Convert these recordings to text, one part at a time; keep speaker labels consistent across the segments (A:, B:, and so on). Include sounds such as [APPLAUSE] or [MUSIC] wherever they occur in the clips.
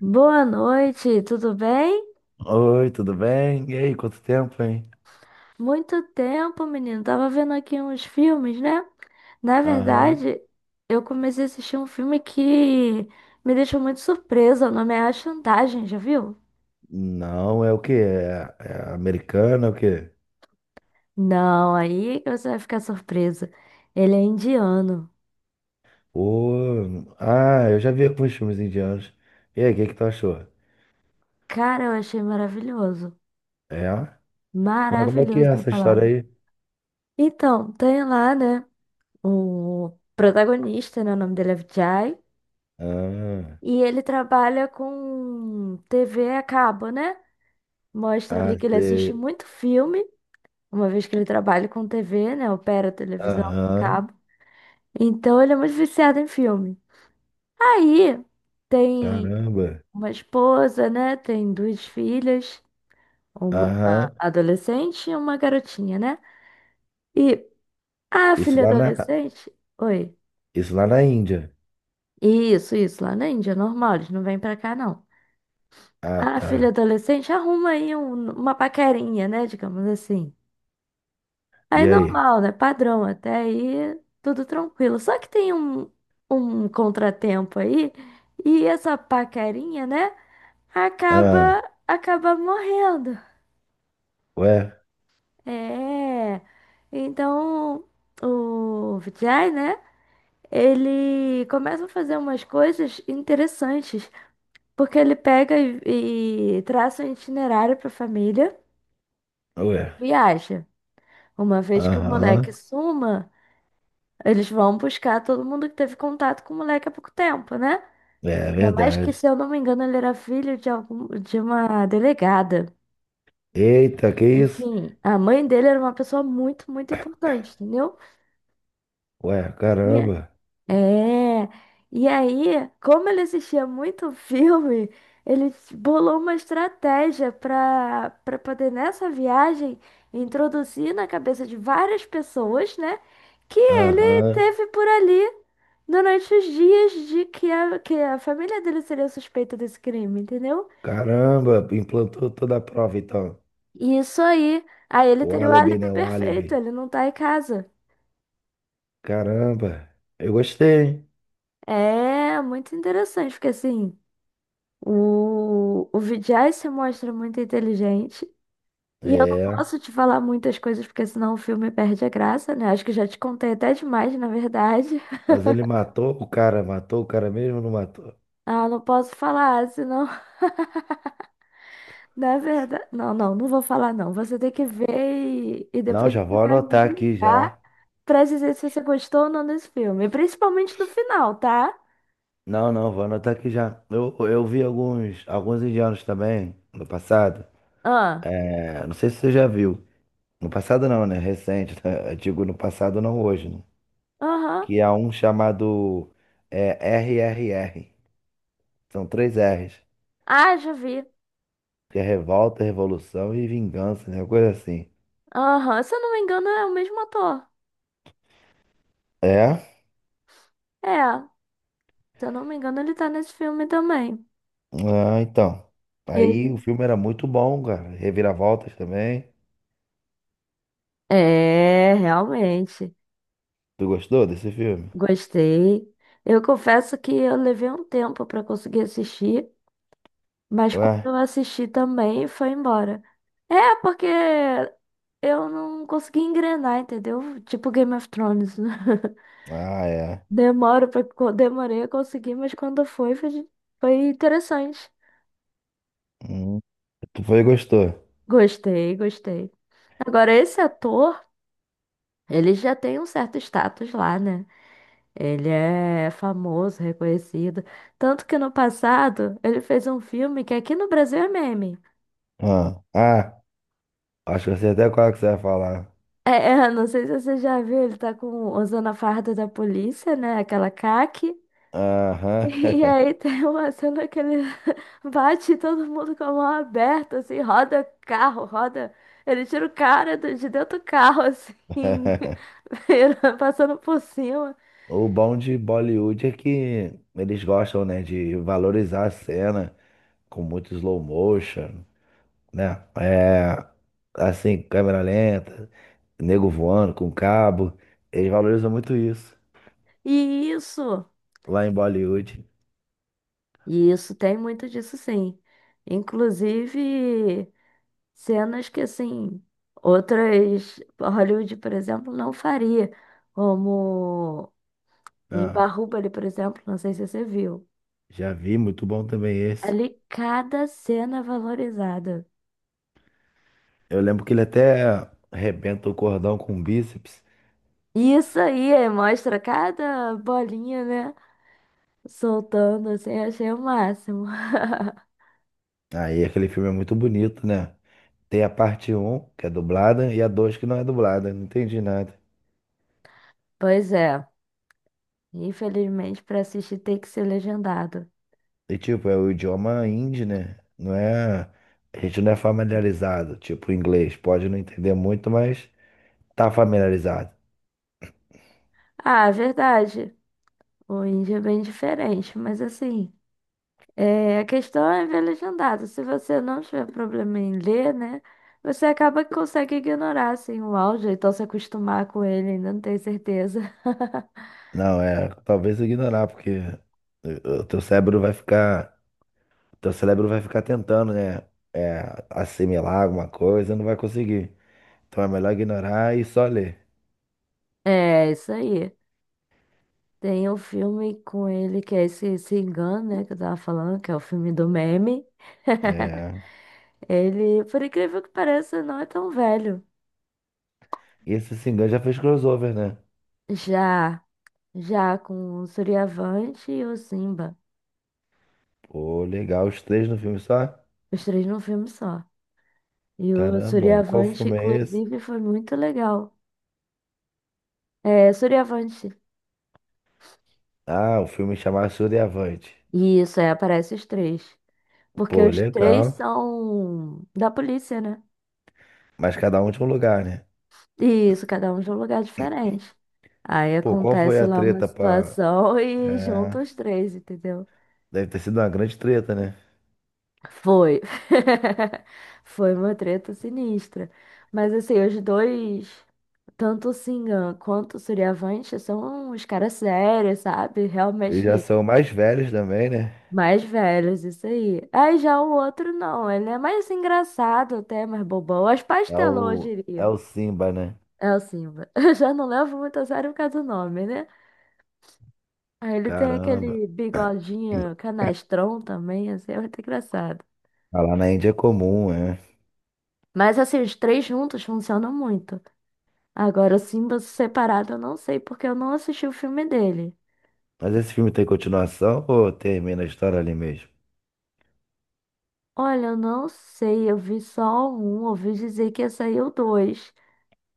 A: Boa noite, tudo bem?
B: Oi, tudo bem? E aí, quanto tempo, hein?
A: Muito tempo, menino. Tava vendo aqui uns filmes, né? Na
B: Aham.
A: verdade, eu comecei a assistir um filme que me deixou muito surpresa. O nome é A Chantagem, já viu?
B: Não, é o quê? É, é americano, é o quê?
A: Não, aí que você vai ficar surpresa. Ele é indiano.
B: Ô, ah, eu já vi alguns filmes indianos. E aí, o que que tu achou?
A: Cara, eu achei maravilhoso.
B: É? Mas como é que é
A: Maravilhoso a
B: essa história
A: palavra.
B: aí?
A: Então, tem lá, né? O protagonista, né? O nome dele é Vijay.
B: Ah,
A: E ele trabalha com TV a cabo, né? Mostra ali
B: ah,
A: que ele assiste
B: sei.
A: muito filme, uma vez que ele trabalha com TV, né? Opera televisão,
B: Aham.
A: cabo. Então ele é muito viciado em filme. Aí tem
B: Caramba.
A: uma esposa, né? Tem duas filhas, uma
B: Aham.
A: adolescente e uma garotinha, né? E a
B: Isso
A: filha
B: lá na,
A: adolescente. Oi.
B: isso lá na Índia.
A: Isso, lá na Índia, normal, eles não vêm pra cá, não.
B: Ah,
A: A filha
B: tá.
A: adolescente arruma aí uma paquerinha, né? Digamos assim. Aí é
B: E aí?
A: normal, né? Padrão, até aí tudo tranquilo. Só que tem um, um contratempo aí e essa paquerinha, né?
B: Ah,
A: Acaba, acaba morrendo.
B: ué,
A: É. Então o Vijay, né? Ele começa a fazer umas coisas interessantes, porque ele pega e traça um itinerário para a família
B: ué.
A: e viaja. Uma vez que o moleque
B: Aham.
A: suma. Eles vão buscar todo mundo que teve contato com o moleque há pouco tempo, né?
B: É
A: Ainda mais que,
B: verdade.
A: se eu não me engano, ele era filho de algum, de uma delegada.
B: Eita, que isso?
A: Enfim, a mãe dele era uma pessoa muito, muito importante, entendeu?
B: Ué,
A: E
B: caramba.
A: é, e aí, como ele assistia muito [LAUGHS] filme, ele bolou uma estratégia para poder nessa viagem introduzir na cabeça de várias pessoas, né, que ele
B: Aham.
A: teve por ali durante os dias de que a família dele seria suspeita desse crime, entendeu?
B: Caramba, implantou toda a prova, então.
A: E isso aí, aí ele
B: O
A: teria o
B: álibi,
A: álibi
B: né? O
A: perfeito,
B: álibi.
A: ele não tá em casa.
B: Caramba. Eu gostei, hein?
A: É, muito interessante, porque assim. O Vijay se mostra muito inteligente. E eu não
B: É.
A: posso te falar muitas coisas, porque senão o filme perde a graça, né? Acho que já te contei até demais, na verdade. [LAUGHS]
B: Mas ele matou o cara mesmo, ou não matou?
A: Ah, não posso falar, senão, [LAUGHS] na verdade. Não, não, não vou falar, não. Você tem que ver e
B: Não,
A: depois
B: já
A: você
B: vou
A: vai me
B: anotar aqui
A: ligar
B: já.
A: pra dizer se você gostou ou não desse filme. E principalmente do final, tá?
B: Não, não, vou anotar aqui já. Eu vi alguns, alguns indianos também no passado.
A: Ah,
B: É, não sei se você já viu. No passado não, né? Recente, né? [LAUGHS] Eu digo no passado, não hoje, né?
A: aham.
B: Que há um chamado, é, RRR. São três R's,
A: Ah, já vi.
B: que é revolta, revolução e vingança, né? Uma coisa assim.
A: Aham. Se eu não me engano, é o mesmo ator.
B: É?
A: É, se eu não me engano, ele tá nesse filme também.
B: Ah, então. Aí
A: Ele
B: o filme era muito bom, cara. Reviravoltas também.
A: é, realmente.
B: Tu gostou desse filme?
A: Gostei. Eu confesso que eu levei um tempo para conseguir assistir, mas quando
B: Ué?
A: eu assisti também foi embora. É, porque eu não consegui engrenar, entendeu? Tipo Game of Thrones, né? [LAUGHS]
B: Ah, é.
A: Demorei a conseguir, mas quando foi, foi, foi interessante.
B: Hum, tu foi e gostou.
A: Gostei, gostei. Agora, esse ator, ele já tem um certo status lá, né? Ele é famoso, reconhecido. Tanto que no passado ele fez um filme que aqui no Brasil é meme.
B: Ah, ah, acho que eu sei até qual é que você vai falar.
A: [LAUGHS] Não sei se você já viu, ele tá com, usando a farda da polícia, né? Aquela caque.
B: Aham.
A: E aí tem uma cena que ele [LAUGHS] bate em todo mundo com a mão aberta, assim, roda carro, roda. Ele tira o cara de dentro do carro, assim,
B: [LAUGHS]
A: [LAUGHS] passando por cima.
B: O bom de Bollywood é que eles gostam, né, de valorizar a cena com muito slow motion, né? É, assim, câmera lenta, nego voando com cabo. Eles valorizam muito isso
A: E isso,
B: lá em Bollywood.
A: e isso tem muito disso, sim. Inclusive. Cenas que, assim, outras. Hollywood, por exemplo, não faria. Como em
B: Ah,
A: Barrubali, por exemplo, não sei se você viu.
B: já vi, muito bom também esse.
A: Ali, cada cena é valorizada.
B: Eu lembro que ele até arrebenta o cordão com o bíceps.
A: E isso aí, é, mostra cada bolinha, né? Soltando, assim, achei o máximo. [LAUGHS]
B: Aí aquele filme é muito bonito, né? Tem a parte um que é dublada, e a 2 que não é dublada. Não entendi nada.
A: Pois é. Infelizmente, para assistir tem que ser legendado.
B: E tipo, é o idioma hindi, né? Não é. A gente não é familiarizado. Tipo, o inglês pode não entender muito, mas tá familiarizado.
A: Ah, verdade. O índio é bem diferente, mas assim. É, a questão é ver legendado. Se você não tiver problema em ler, né? Você acaba que consegue ignorar, assim, o áudio, então se acostumar com ele, ainda não tenho certeza. [LAUGHS]
B: Não, é, talvez ignorar, porque o teu cérebro vai ficar, o teu cérebro vai ficar tentando, né, é, assimilar alguma coisa, não vai conseguir. Então é melhor ignorar e só ler.
A: É, isso aí. Tem um filme com ele que é esse Singan, né? Que eu tava falando, que é o filme do meme. [LAUGHS]
B: É,
A: Ele, por incrível que pareça, não é tão velho.
B: e esse Singan já fez crossover, né?
A: Já, já com o Suriavante e o Simba.
B: Pô, legal, os três no filme só?
A: Os três num filme só. E o
B: Caramba, qual
A: Suriavante,
B: filme é esse?
A: inclusive, foi muito legal. É Suriavante.
B: Ah, o filme chamado Suriavante.
A: Isso, é, aparece os três. Porque
B: Pô,
A: os três
B: legal.
A: são da polícia, né?
B: Mas cada um tinha um lugar, né?
A: Isso, cada um de um lugar diferente. Aí
B: Pô, qual foi
A: acontece
B: a
A: lá uma
B: treta pra...
A: situação [LAUGHS] e
B: É,
A: junta os três, entendeu?
B: deve ter sido uma grande treta, né?
A: Foi. [LAUGHS] Foi uma treta sinistra. Mas assim, os dois, tanto o Singan quanto o Suriavante, são uns caras sérios, sabe?
B: Eles já
A: Realmente
B: são mais velhos também, né?
A: mais velhos, isso aí. Aí já o outro não, ele é mais engraçado até, mais bobão. As
B: É
A: pastelou, eu
B: o, é
A: diria.
B: o Simba, né?
A: É o Simba. [LAUGHS] Eu já não levo muito a sério por causa do nome, né? Aí ele tem
B: Caramba.
A: aquele bigodinho canastrão também, assim, é muito engraçado.
B: Ah, lá na Índia é comum, é.
A: Mas assim, os três juntos funcionam muito. Agora, o Simba separado eu não sei, porque eu não assisti o filme dele.
B: Mas esse filme tem continuação ou termina a história ali mesmo?
A: Olha, eu não sei, eu vi só um, ouvi dizer que ia sair o dois.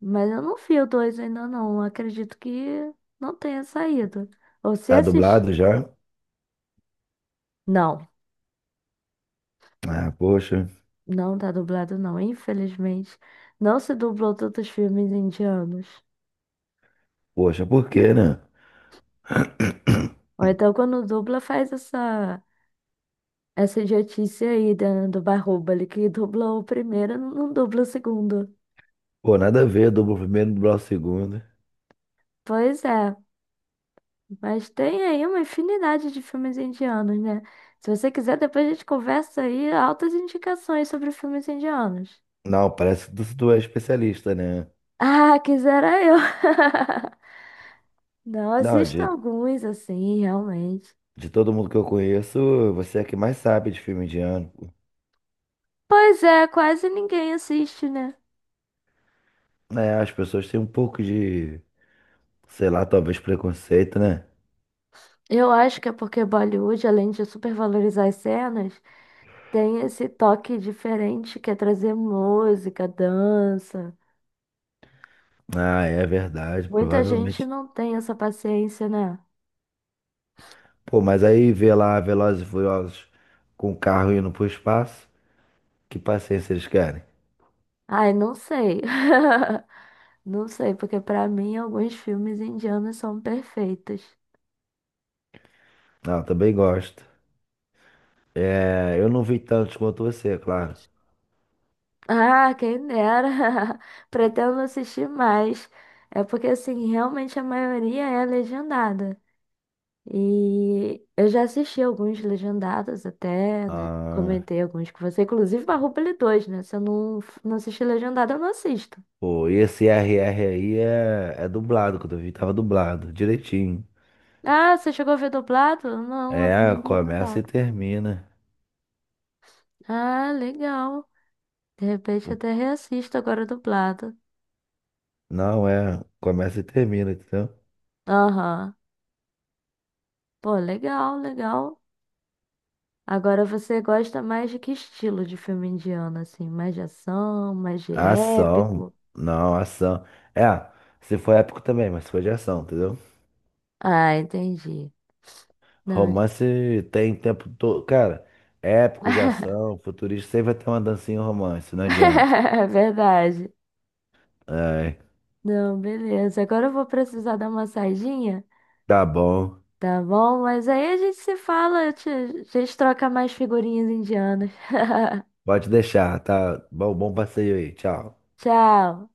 A: Mas eu não vi o 2 ainda não. Acredito que não tenha saído. Ou se
B: Tá
A: assisti...
B: dublado já?
A: Não,
B: Ah, poxa.
A: não tá dublado não. Infelizmente, não se dublou tantos filmes indianos.
B: Poxa, por quê, né?
A: Ou então quando dubla faz essa essa idiotice aí do Bahubali, que dublou o primeiro, não dubla o segundo.
B: Pô, nada a ver, dublo o primeiro, dublar o segundo.
A: Pois é, mas tem aí uma infinidade de filmes indianos, né? Se você quiser, depois a gente conversa aí altas indicações sobre filmes indianos.
B: Não, parece que tu é especialista, né?
A: Ah, quisera eu. [LAUGHS] Não
B: Não,
A: assisto alguns assim, realmente.
B: de todo mundo que eu conheço, você é que mais sabe de filme indiano.
A: Pois é, quase ninguém assiste, né?
B: Né? As pessoas têm um pouco de, sei lá, talvez preconceito, né?
A: Eu acho que é porque Bollywood, além de supervalorizar as cenas, tem esse toque diferente que é trazer música, dança.
B: Ah, é verdade,
A: Muita gente
B: provavelmente.
A: não tem essa paciência, né?
B: Pô, mas aí vê lá Velozes e Furiosos com o carro indo pro espaço. Que paciência eles querem?
A: Ai, não sei. [LAUGHS] Não sei, porque pra mim alguns filmes indianos são perfeitos.
B: Ah, eu também gosto. É, eu não vi tantos quanto você, claro.
A: Ah, quem dera. [LAUGHS] Pretendo assistir mais. É porque, assim, realmente a maioria é legendada. E eu já assisti alguns legendados até, né?
B: Ah,
A: Comentei alguns com você, inclusive Barroupilha 2, né? Se eu não assistir legendado, eu não assisto.
B: pô, e esse R R aí é, é dublado, quando eu vi tava dublado, direitinho.
A: Ah, você chegou a ver dublado? Não, eu
B: É,
A: vi
B: começa e
A: legendado.
B: termina.
A: Ah, legal. De repente até reassisto agora dublado.
B: Não, é, começa e termina, entendeu?
A: Aham. Pô, legal, legal. Agora você gosta mais de que estilo de filme indiano, assim? Mais de ação, mais de
B: Ação,
A: épico?
B: não, ação. É, se for épico também, mas se for de ação, entendeu?
A: Ah, entendi. Não.
B: Romance tem tempo todo. Cara, épico de
A: [LAUGHS]
B: ação, futurista, sempre vai ter uma dancinha em romance, não adianta.
A: É verdade.
B: É,
A: Não, beleza. Agora eu vou precisar dar uma saidinha,
B: tá bom.
A: tá bom? Mas aí a gente se fala, a gente troca mais figurinhas indianas. [LAUGHS]
B: Pode deixar, tá? Bom, bom passeio aí. Tchau.
A: Tchau.